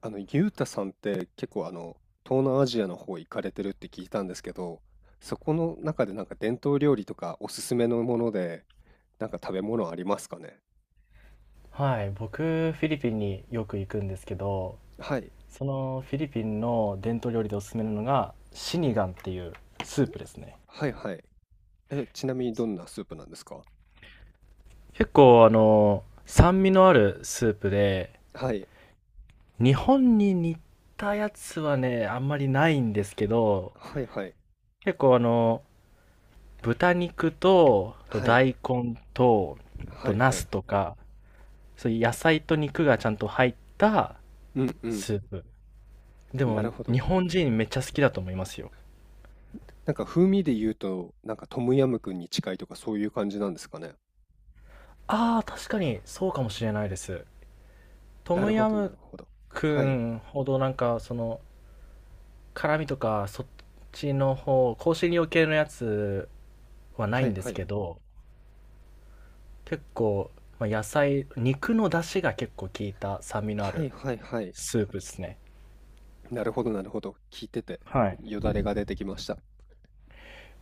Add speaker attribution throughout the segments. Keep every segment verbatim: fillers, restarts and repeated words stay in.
Speaker 1: あの、ゆうたさんって結構あの、東南アジアの方行かれてるって聞いたんですけど、そこの中でなんか伝統料理とかおすすめのもので、なんか食べ物ありますかね？
Speaker 2: はい、僕、フィリピンによく行くんですけど、
Speaker 1: はい、
Speaker 2: そのフィリピンの伝統料理でおすすめなのが、シニガンっていうスープですね。
Speaker 1: はいはい。え、ちなみにどんなスープなんですか？
Speaker 2: 結構、あの、酸味のあるスープで、
Speaker 1: はい、
Speaker 2: 日本に似たやつはね、あんまりないんですけど、
Speaker 1: はいはい、
Speaker 2: 結構あの、豚肉と、と
Speaker 1: はい、
Speaker 2: 大根と、
Speaker 1: は
Speaker 2: と
Speaker 1: い
Speaker 2: ナ
Speaker 1: はい。
Speaker 2: スとか、そういう野菜と肉がちゃんと入った
Speaker 1: うんうん、
Speaker 2: スープ。で
Speaker 1: な
Speaker 2: も、
Speaker 1: るほど。
Speaker 2: 日本人めっちゃ好きだと思いますよ。
Speaker 1: なんか風味で言うと、なんかトムヤムクンに近いとかそういう感じなんですかね？
Speaker 2: ああ、確かにそうかもしれないです。ト
Speaker 1: な
Speaker 2: ム
Speaker 1: るほ
Speaker 2: ヤ
Speaker 1: ど、な
Speaker 2: ム
Speaker 1: るほど。
Speaker 2: く
Speaker 1: はい、
Speaker 2: んほどなんかその辛味とかそっちの方、香辛料系のやつはな
Speaker 1: は
Speaker 2: いん
Speaker 1: い
Speaker 2: で
Speaker 1: は
Speaker 2: す
Speaker 1: い。
Speaker 2: けど、結構、まあ、野菜、肉の出汁が結構効いた酸味のあ
Speaker 1: はい
Speaker 2: る
Speaker 1: はいはい。
Speaker 2: スープですね。
Speaker 1: なるほどなるほど。聞いてて、
Speaker 2: はい。
Speaker 1: よだれが出てきました。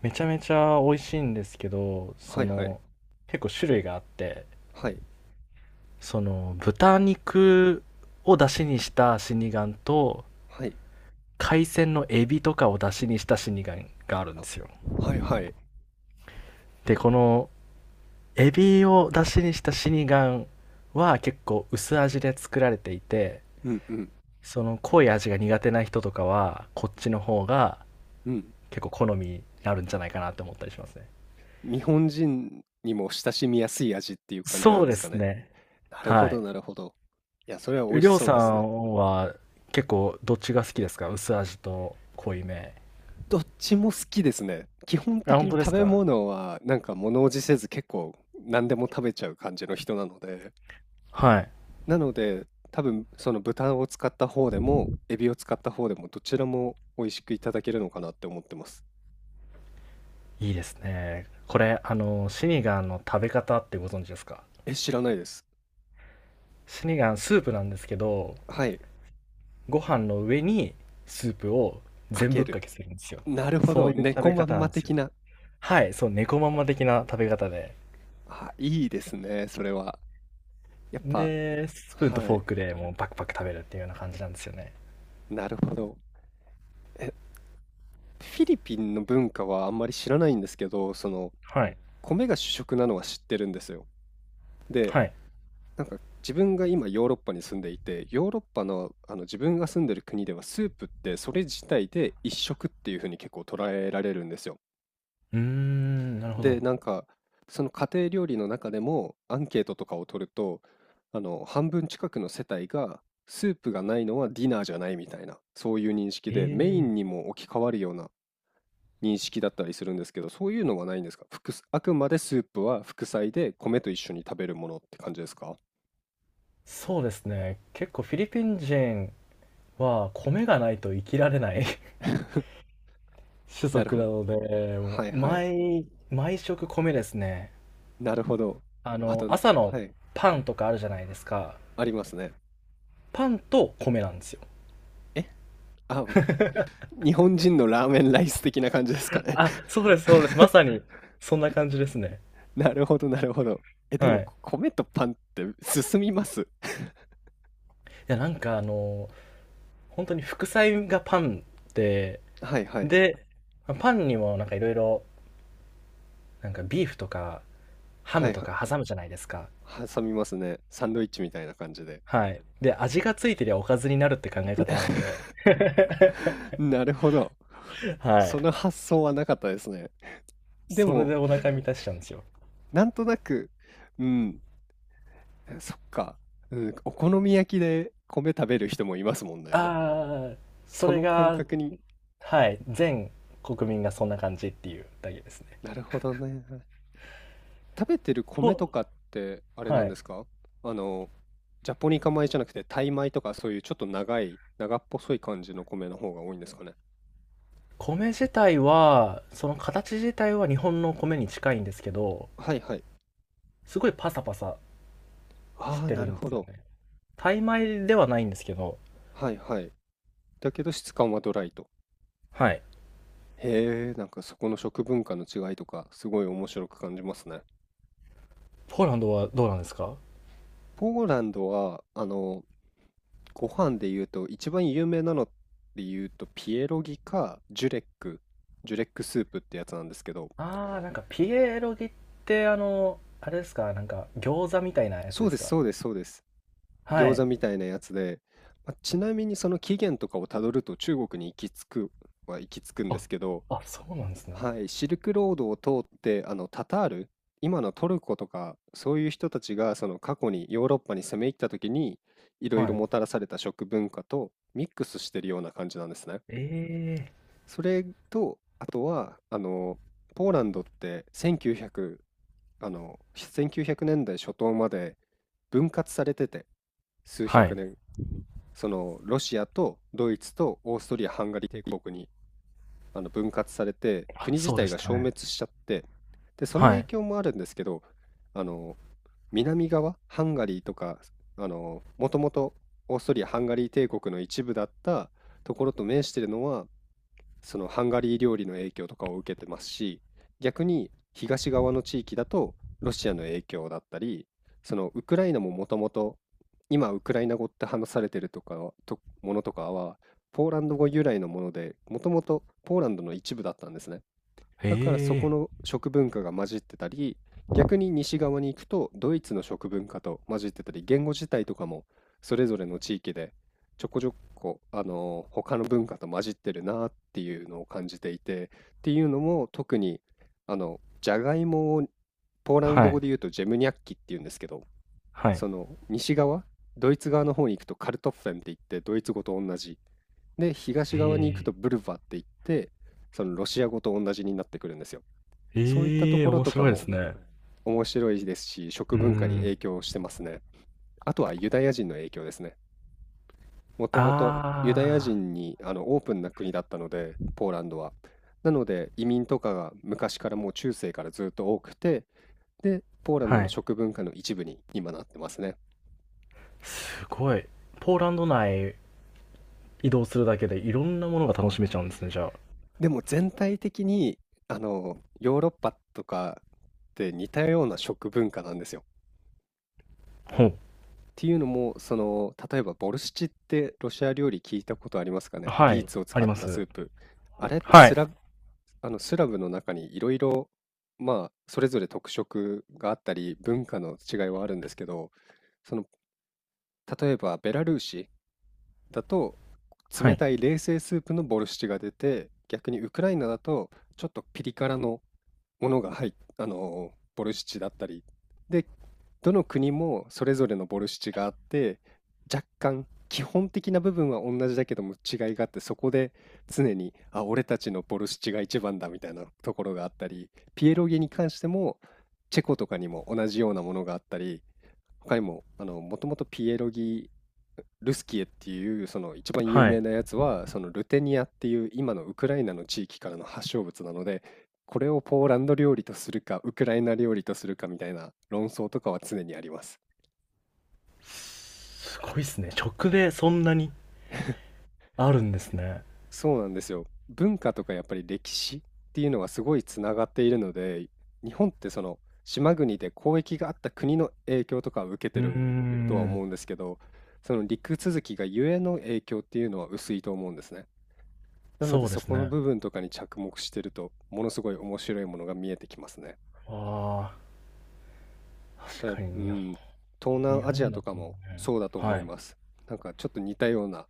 Speaker 2: めちゃめちゃ美味しいんですけど、
Speaker 1: は
Speaker 2: そ
Speaker 1: いはい。
Speaker 2: の結構種類があって、
Speaker 1: はい。
Speaker 2: その豚肉を出汁にした死神と
Speaker 1: はい。
Speaker 2: 海鮮のエビとかを出汁にした死神があるん
Speaker 1: あ、
Speaker 2: ですよ。
Speaker 1: はいはい。
Speaker 2: で、このエビを出汁にしたシニガンは結構薄味で作られていて、
Speaker 1: うんうん。
Speaker 2: その濃い味が苦手な人とかは、こっちの方が
Speaker 1: うん。
Speaker 2: 結構好みになるんじゃないかなって思ったりしますね。
Speaker 1: 日本人にも親しみやすい味っていう感じな
Speaker 2: そ
Speaker 1: ん
Speaker 2: う
Speaker 1: で
Speaker 2: で
Speaker 1: すか
Speaker 2: す
Speaker 1: ね。
Speaker 2: ね。
Speaker 1: なるほ
Speaker 2: は
Speaker 1: ど
Speaker 2: い。
Speaker 1: なるほど。いや、それは美味し
Speaker 2: りょう
Speaker 1: そう
Speaker 2: さ
Speaker 1: ですね。
Speaker 2: んは結構どっちが好きですか、薄味と濃いめ。
Speaker 1: どっちも好きですね。基本
Speaker 2: あ、
Speaker 1: 的
Speaker 2: 本
Speaker 1: に
Speaker 2: 当で
Speaker 1: 食
Speaker 2: す
Speaker 1: べ
Speaker 2: か？
Speaker 1: 物はなんか物おじせず結構何でも食べちゃう感じの人なので、
Speaker 2: はい。
Speaker 1: なので多分その豚を使った方でもエビを使った方でもどちらも美味しくいただけるのかなって思ってます。
Speaker 2: いいですね。これ、あの、シニガンの食べ方ってご存知ですか？
Speaker 1: え、知らないです。
Speaker 2: シニガンスープなんですけど、
Speaker 1: はい、
Speaker 2: ご飯の上にスープを
Speaker 1: か
Speaker 2: 全
Speaker 1: け
Speaker 2: ぶっか
Speaker 1: る。
Speaker 2: けするんですよ。
Speaker 1: なるほ
Speaker 2: そう
Speaker 1: ど、
Speaker 2: いう食
Speaker 1: 猫
Speaker 2: べ
Speaker 1: ま
Speaker 2: 方
Speaker 1: ん
Speaker 2: なん
Speaker 1: ま
Speaker 2: ですよ。
Speaker 1: 的な。
Speaker 2: はい、そう、猫まんま的な食べ方で。
Speaker 1: あ、いいですね、それは。やっぱ、
Speaker 2: で、スプーンと
Speaker 1: は
Speaker 2: フォー
Speaker 1: い、
Speaker 2: クでもうパクパク食べるっていうような感じなんですよね。
Speaker 1: なるほど。え、フィリピンの文化はあんまり知らないんですけど、その、
Speaker 2: はい。
Speaker 1: 米が主食なのは知ってるんですよ。で、
Speaker 2: はい。
Speaker 1: なんか自分が今ヨーロッパに住んでいて、ヨーロッパの、あの自分が住んでる国ではスープってそれ自体で一食っていうふうに結構捉えられるんですよ。
Speaker 2: うーん、なるほ
Speaker 1: で、
Speaker 2: ど。
Speaker 1: なんか、その家庭料理の中でもアンケートとかを取ると、あの、半分近くの世帯が、スープがないのはディナーじゃないみたいな、そういう認識
Speaker 2: え
Speaker 1: で、メイン
Speaker 2: え、
Speaker 1: にも置き換わるような認識だったりするんですけど、そういうのはないんですか？副あくまでスープは副菜で米と一緒に食べるものって感じですか？
Speaker 2: そうですね。結構フィリピン人は米がないと生きられない 種
Speaker 1: なる
Speaker 2: 族
Speaker 1: ほ
Speaker 2: な
Speaker 1: ど。
Speaker 2: ので、も
Speaker 1: はい
Speaker 2: う
Speaker 1: はい。
Speaker 2: 毎、毎食米ですね。
Speaker 1: なるほど。
Speaker 2: あ
Speaker 1: あ
Speaker 2: の、
Speaker 1: と、
Speaker 2: 朝の
Speaker 1: はい。
Speaker 2: パンとかあるじゃないですか。
Speaker 1: ありますね。
Speaker 2: パンと米なんですよ。
Speaker 1: えあ、日本人のラーメンライス的な感じですかね。
Speaker 2: あ、そうです、そうです。まさ に、そんな感じですね。
Speaker 1: なるほど、なるほど。え、で
Speaker 2: は
Speaker 1: も、
Speaker 2: い。
Speaker 1: こ米とパンって進みます？
Speaker 2: いや、なんかあの、本当に副菜がパンで、
Speaker 1: はいはい。
Speaker 2: で、パンにもなんかいろいろ、なんかビーフとかハ
Speaker 1: は
Speaker 2: ム
Speaker 1: い
Speaker 2: と
Speaker 1: は
Speaker 2: か挟むじゃないですか。
Speaker 1: い。挟みますね。サンドイッチみたいな感じで。
Speaker 2: はい。で、味がついてりゃおかずになるって考え方なので、
Speaker 1: なるほど。
Speaker 2: は
Speaker 1: その
Speaker 2: い。
Speaker 1: 発想はなかったですね。で
Speaker 2: それで
Speaker 1: も、
Speaker 2: お腹満たしちゃうんですよ。
Speaker 1: なんとなく、うん、そっか、うん、お好み焼きで米食べる人もいますもんね。
Speaker 2: ああ、そ
Speaker 1: そ
Speaker 2: れ
Speaker 1: の感
Speaker 2: が、
Speaker 1: 覚に、
Speaker 2: はい、全国民がそんな感じっていうだけですね。
Speaker 1: なるほどね。食べてる米と
Speaker 2: と、
Speaker 1: かって、あれな
Speaker 2: は
Speaker 1: ん
Speaker 2: い。
Speaker 1: ですか？あの、ジャポニカ米じゃなくて、タイ米とか、そういうちょっと長い、長っぽそい感じの米の方が多いんですかね。
Speaker 2: 米自体はその形自体は日本の米に近いんですけど、
Speaker 1: はいはい。
Speaker 2: すごいパサパサし
Speaker 1: ああ、
Speaker 2: て
Speaker 1: な
Speaker 2: る
Speaker 1: る
Speaker 2: んで
Speaker 1: ほ
Speaker 2: すよ
Speaker 1: ど。
Speaker 2: ね。タイ米ではないんですけど、
Speaker 1: はいはい。だけど質感はドライと。
Speaker 2: はい。
Speaker 1: へえ、なんかそこの食文化の違いとか、すごい面白く感じますね。
Speaker 2: ポーランドはどうなんですか？
Speaker 1: ポーランドは、あの、ご飯で言うと、一番有名なので言うと、ピエロギか、ジュレック、ジュレックスープってやつなんですけど、
Speaker 2: あー、なんかピエロギってあのあれですか、なんか餃子みたいなやつ
Speaker 1: そう
Speaker 2: で
Speaker 1: で
Speaker 2: す
Speaker 1: す、
Speaker 2: か？
Speaker 1: そうです、そうです。
Speaker 2: は
Speaker 1: 餃
Speaker 2: い。
Speaker 1: 子みたいなやつで、ま、ちなみにその起源とかをたどると中国に行き着くは行き着くんで
Speaker 2: あ
Speaker 1: すけど、
Speaker 2: あ、そうなんですね。
Speaker 1: はい、シルクロードを通って、あの、タタール、今のトルコとか、そういう人たちがその過去にヨーロッパに攻め入った時に、いろい
Speaker 2: は
Speaker 1: ろ
Speaker 2: い。
Speaker 1: もたらされた食文化とミックスしてるような感じなんですね。
Speaker 2: ええー。
Speaker 1: それと、あとは、あの、ポーランドってせんきゅうひゃく、あの、せんきゅうひゃくねんだい初頭まで分割されてて、数
Speaker 2: は
Speaker 1: 百
Speaker 2: い。
Speaker 1: 年、そのロシアとドイツとオーストリア・ハンガリー帝国にあの分割されて、
Speaker 2: あ、
Speaker 1: 国自
Speaker 2: そうで
Speaker 1: 体
Speaker 2: し
Speaker 1: が
Speaker 2: た
Speaker 1: 消
Speaker 2: ね。
Speaker 1: 滅しちゃって、でその
Speaker 2: は
Speaker 1: 影
Speaker 2: い。
Speaker 1: 響もあるんですけど、あの南側ハンガリーとか、あのもともとオーストリア・ハンガリー帝国の一部だったところと面しているのは、そのハンガリー料理の影響とかを受けてますし、逆に東側の地域だとロシアの影響だったり、そのウクライナももともと、今ウクライナ語って話されてるとかはとものとかは、ポーランド語由来のもので、もともとポーランドの一部だったんですね。
Speaker 2: え
Speaker 1: だからそ
Speaker 2: え
Speaker 1: こ
Speaker 2: ー。
Speaker 1: の食文化が混じってたり、逆に西側に行くとドイツの食文化と混じってたり、言語自体とかもそれぞれの地域でちょこちょこ、あのー他の文化と混じってるなっていうのを感じていて、っていうのも特にあのじゃがいもをポーラン
Speaker 2: は
Speaker 1: ド語
Speaker 2: い。
Speaker 1: で言うとジェムニャッキっていうんですけど、
Speaker 2: はい。
Speaker 1: その西側、ドイツ側の方に行くとカルトッフェンって言ってドイツ語と同じ。で、
Speaker 2: え
Speaker 1: 東側に行く
Speaker 2: え
Speaker 1: と
Speaker 2: ー。
Speaker 1: ブルヴァって言って、そのロシア語と同じになってくるんですよ。そういったと
Speaker 2: ええ
Speaker 1: こ
Speaker 2: ー、
Speaker 1: ろ
Speaker 2: 面
Speaker 1: とか
Speaker 2: 白いで
Speaker 1: も
Speaker 2: すね。う
Speaker 1: 面白いですし、食
Speaker 2: ー
Speaker 1: 文化に
Speaker 2: ん、
Speaker 1: 影響してますね。あとはユダヤ人の影響ですね。もともとユダヤ
Speaker 2: あ
Speaker 1: 人にあのオープンな国だったので、ポーランドは。なので移民とかが昔からもう中世からずっと多くて、で、ポーラン
Speaker 2: あ、
Speaker 1: ド
Speaker 2: は
Speaker 1: の
Speaker 2: い。
Speaker 1: 食文化の一部に今なってますね。
Speaker 2: すごい。ポーランド内移動するだけでいろんなものが楽しめちゃうんですね、じゃあ。
Speaker 1: でも全体的にあのヨーロッパとかって似たような食文化なんですよ。
Speaker 2: ほう。
Speaker 1: っていうのも、その、例えばボルシチってロシア料理聞いたことありますかね？
Speaker 2: は
Speaker 1: ビー
Speaker 2: い、
Speaker 1: ツを
Speaker 2: あ
Speaker 1: 使
Speaker 2: り
Speaker 1: っ
Speaker 2: ま
Speaker 1: たス
Speaker 2: す。
Speaker 1: ープ。あれって
Speaker 2: は
Speaker 1: ス
Speaker 2: い、
Speaker 1: ラブ、あのスラブの中にいろいろ、まあ、それぞれ特色があったり、文化の違いはあるんですけど、その、例えばベラルーシだと、
Speaker 2: は
Speaker 1: 冷
Speaker 2: い、
Speaker 1: たい冷製スープのボルシチが出て、逆にウクライナだと、ちょっとピリ辛のものが入っあのボルシチだったり、でどの国もそれぞれのボルシチがあって、若干基本的な部分は同じだけども違いがあって、そこで常に「あ、俺たちのボルシチが一番だ」みたいなところがあったり、ピエロギに関してもチェコとかにも同じようなものがあったり、他にも、あの、もともとピエロギ、ルスキエっていうその一番有
Speaker 2: は
Speaker 1: 名
Speaker 2: い。
Speaker 1: なやつは、そのルテニアっていう今のウクライナの地域からの発祥物なので、これをポーランド料理とするか、ウクライナ料理とするかみたいな論争とかは常にあります。
Speaker 2: すごいっすね。直でそんなにあるんですね。
Speaker 1: そうなんですよ。文化とかやっぱり歴史っていうのがすごいつながっているので、日本ってその島国で交易があった国の影響とかを受け
Speaker 2: う
Speaker 1: て
Speaker 2: ー
Speaker 1: るとは
Speaker 2: ん。
Speaker 1: 思うんですけど、その陸続きがゆえの影響っていうのは薄いと思うんですね。なので
Speaker 2: そうで
Speaker 1: そ
Speaker 2: す
Speaker 1: この
Speaker 2: ね。
Speaker 1: 部分とかに着目してるとものすごい面白いものが見えてきますね。
Speaker 2: ああ、
Speaker 1: 例え
Speaker 2: 確
Speaker 1: ば、
Speaker 2: か
Speaker 1: う
Speaker 2: に日本
Speaker 1: ん、東南
Speaker 2: 日
Speaker 1: アジア
Speaker 2: 本だ
Speaker 1: とか
Speaker 2: とね。
Speaker 1: もそうだと思
Speaker 2: はい。
Speaker 1: い
Speaker 2: う
Speaker 1: ます。なんかちょっと似たような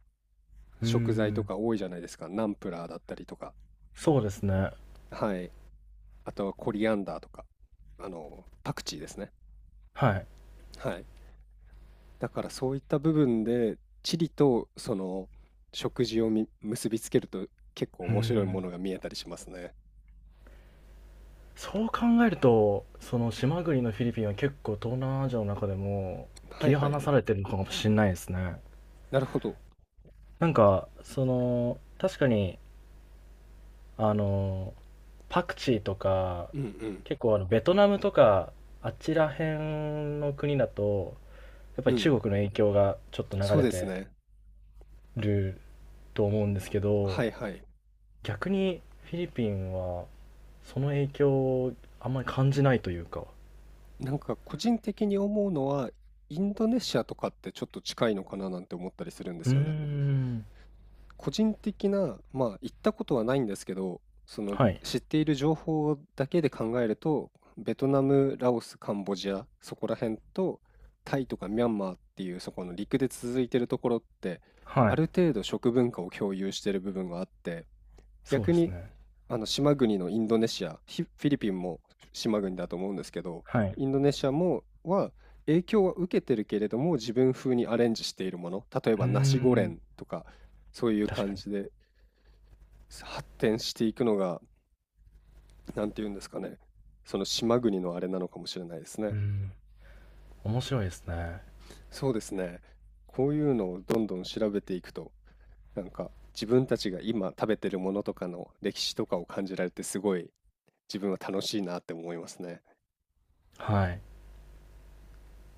Speaker 2: ー
Speaker 1: 食材と
Speaker 2: ん。
Speaker 1: か多いじゃないですか。ナンプラーだったりとか。
Speaker 2: そうですね。
Speaker 1: はい。あとはコリアンダーとか。あの、パクチーですね。
Speaker 2: はい。
Speaker 1: はい。だからそういった部分で地理とその食事をみ結びつけると結構
Speaker 2: うー
Speaker 1: 面白いも
Speaker 2: ん。
Speaker 1: のが見えたりしますね。
Speaker 2: そう考えると、その島国のフィリピンは結構東南アジアの中でも
Speaker 1: は
Speaker 2: 切
Speaker 1: い
Speaker 2: り
Speaker 1: は
Speaker 2: 離
Speaker 1: い。
Speaker 2: されてるのかもしんないですね。
Speaker 1: なるほど。
Speaker 2: なんか、その、確かに、あの、パクチーとか、
Speaker 1: うん
Speaker 2: 結構あの、ベトナムとか、あちら辺の国だと、やっぱ
Speaker 1: うん。
Speaker 2: り
Speaker 1: うん。
Speaker 2: 中国の影響がちょっと流
Speaker 1: そう
Speaker 2: れ
Speaker 1: です
Speaker 2: て
Speaker 1: ね。
Speaker 2: ると思うんですけ
Speaker 1: は
Speaker 2: ど、
Speaker 1: いはい。
Speaker 2: 逆にフィリピンはその影響をあんまり感じないというか。
Speaker 1: なんか個人的に思うのは、インドネシアとかってちょっと近いのかななんて思ったりするんで
Speaker 2: うー
Speaker 1: すよね。
Speaker 2: ん。
Speaker 1: 個人的な、まあ行ったことはないんですけど、その
Speaker 2: はい。
Speaker 1: 知っている情報だけで考えると、ベトナム、ラオス、カンボジア、そこら辺と、タイとかミャンマーっていうそこの陸で続いてるところって、
Speaker 2: は
Speaker 1: あ
Speaker 2: い。
Speaker 1: る程度食文化を共有してる部分があって、
Speaker 2: そう
Speaker 1: 逆
Speaker 2: です
Speaker 1: に
Speaker 2: ね。
Speaker 1: あの島国のインドネシア、フィフィリピンも島国だと思うんですけど、
Speaker 2: はい。
Speaker 1: インドネシアもは影響は受けてるけれども、自分風にアレンジしているもの、例え
Speaker 2: うー
Speaker 1: ばナシゴレ
Speaker 2: ん、
Speaker 1: ンとか、そういう
Speaker 2: 確か
Speaker 1: 感
Speaker 2: に。
Speaker 1: じで発展していくのが、なんていうんですかね、その島国のあれなのかもしれないです
Speaker 2: うー
Speaker 1: ね。
Speaker 2: ん、面白いですね。
Speaker 1: そうですね。こういうのをどんどん調べていくと、なんか自分たちが今食べてるものとかの歴史とかを感じられて、すごい自分は楽しいなって思いますね。
Speaker 2: はい。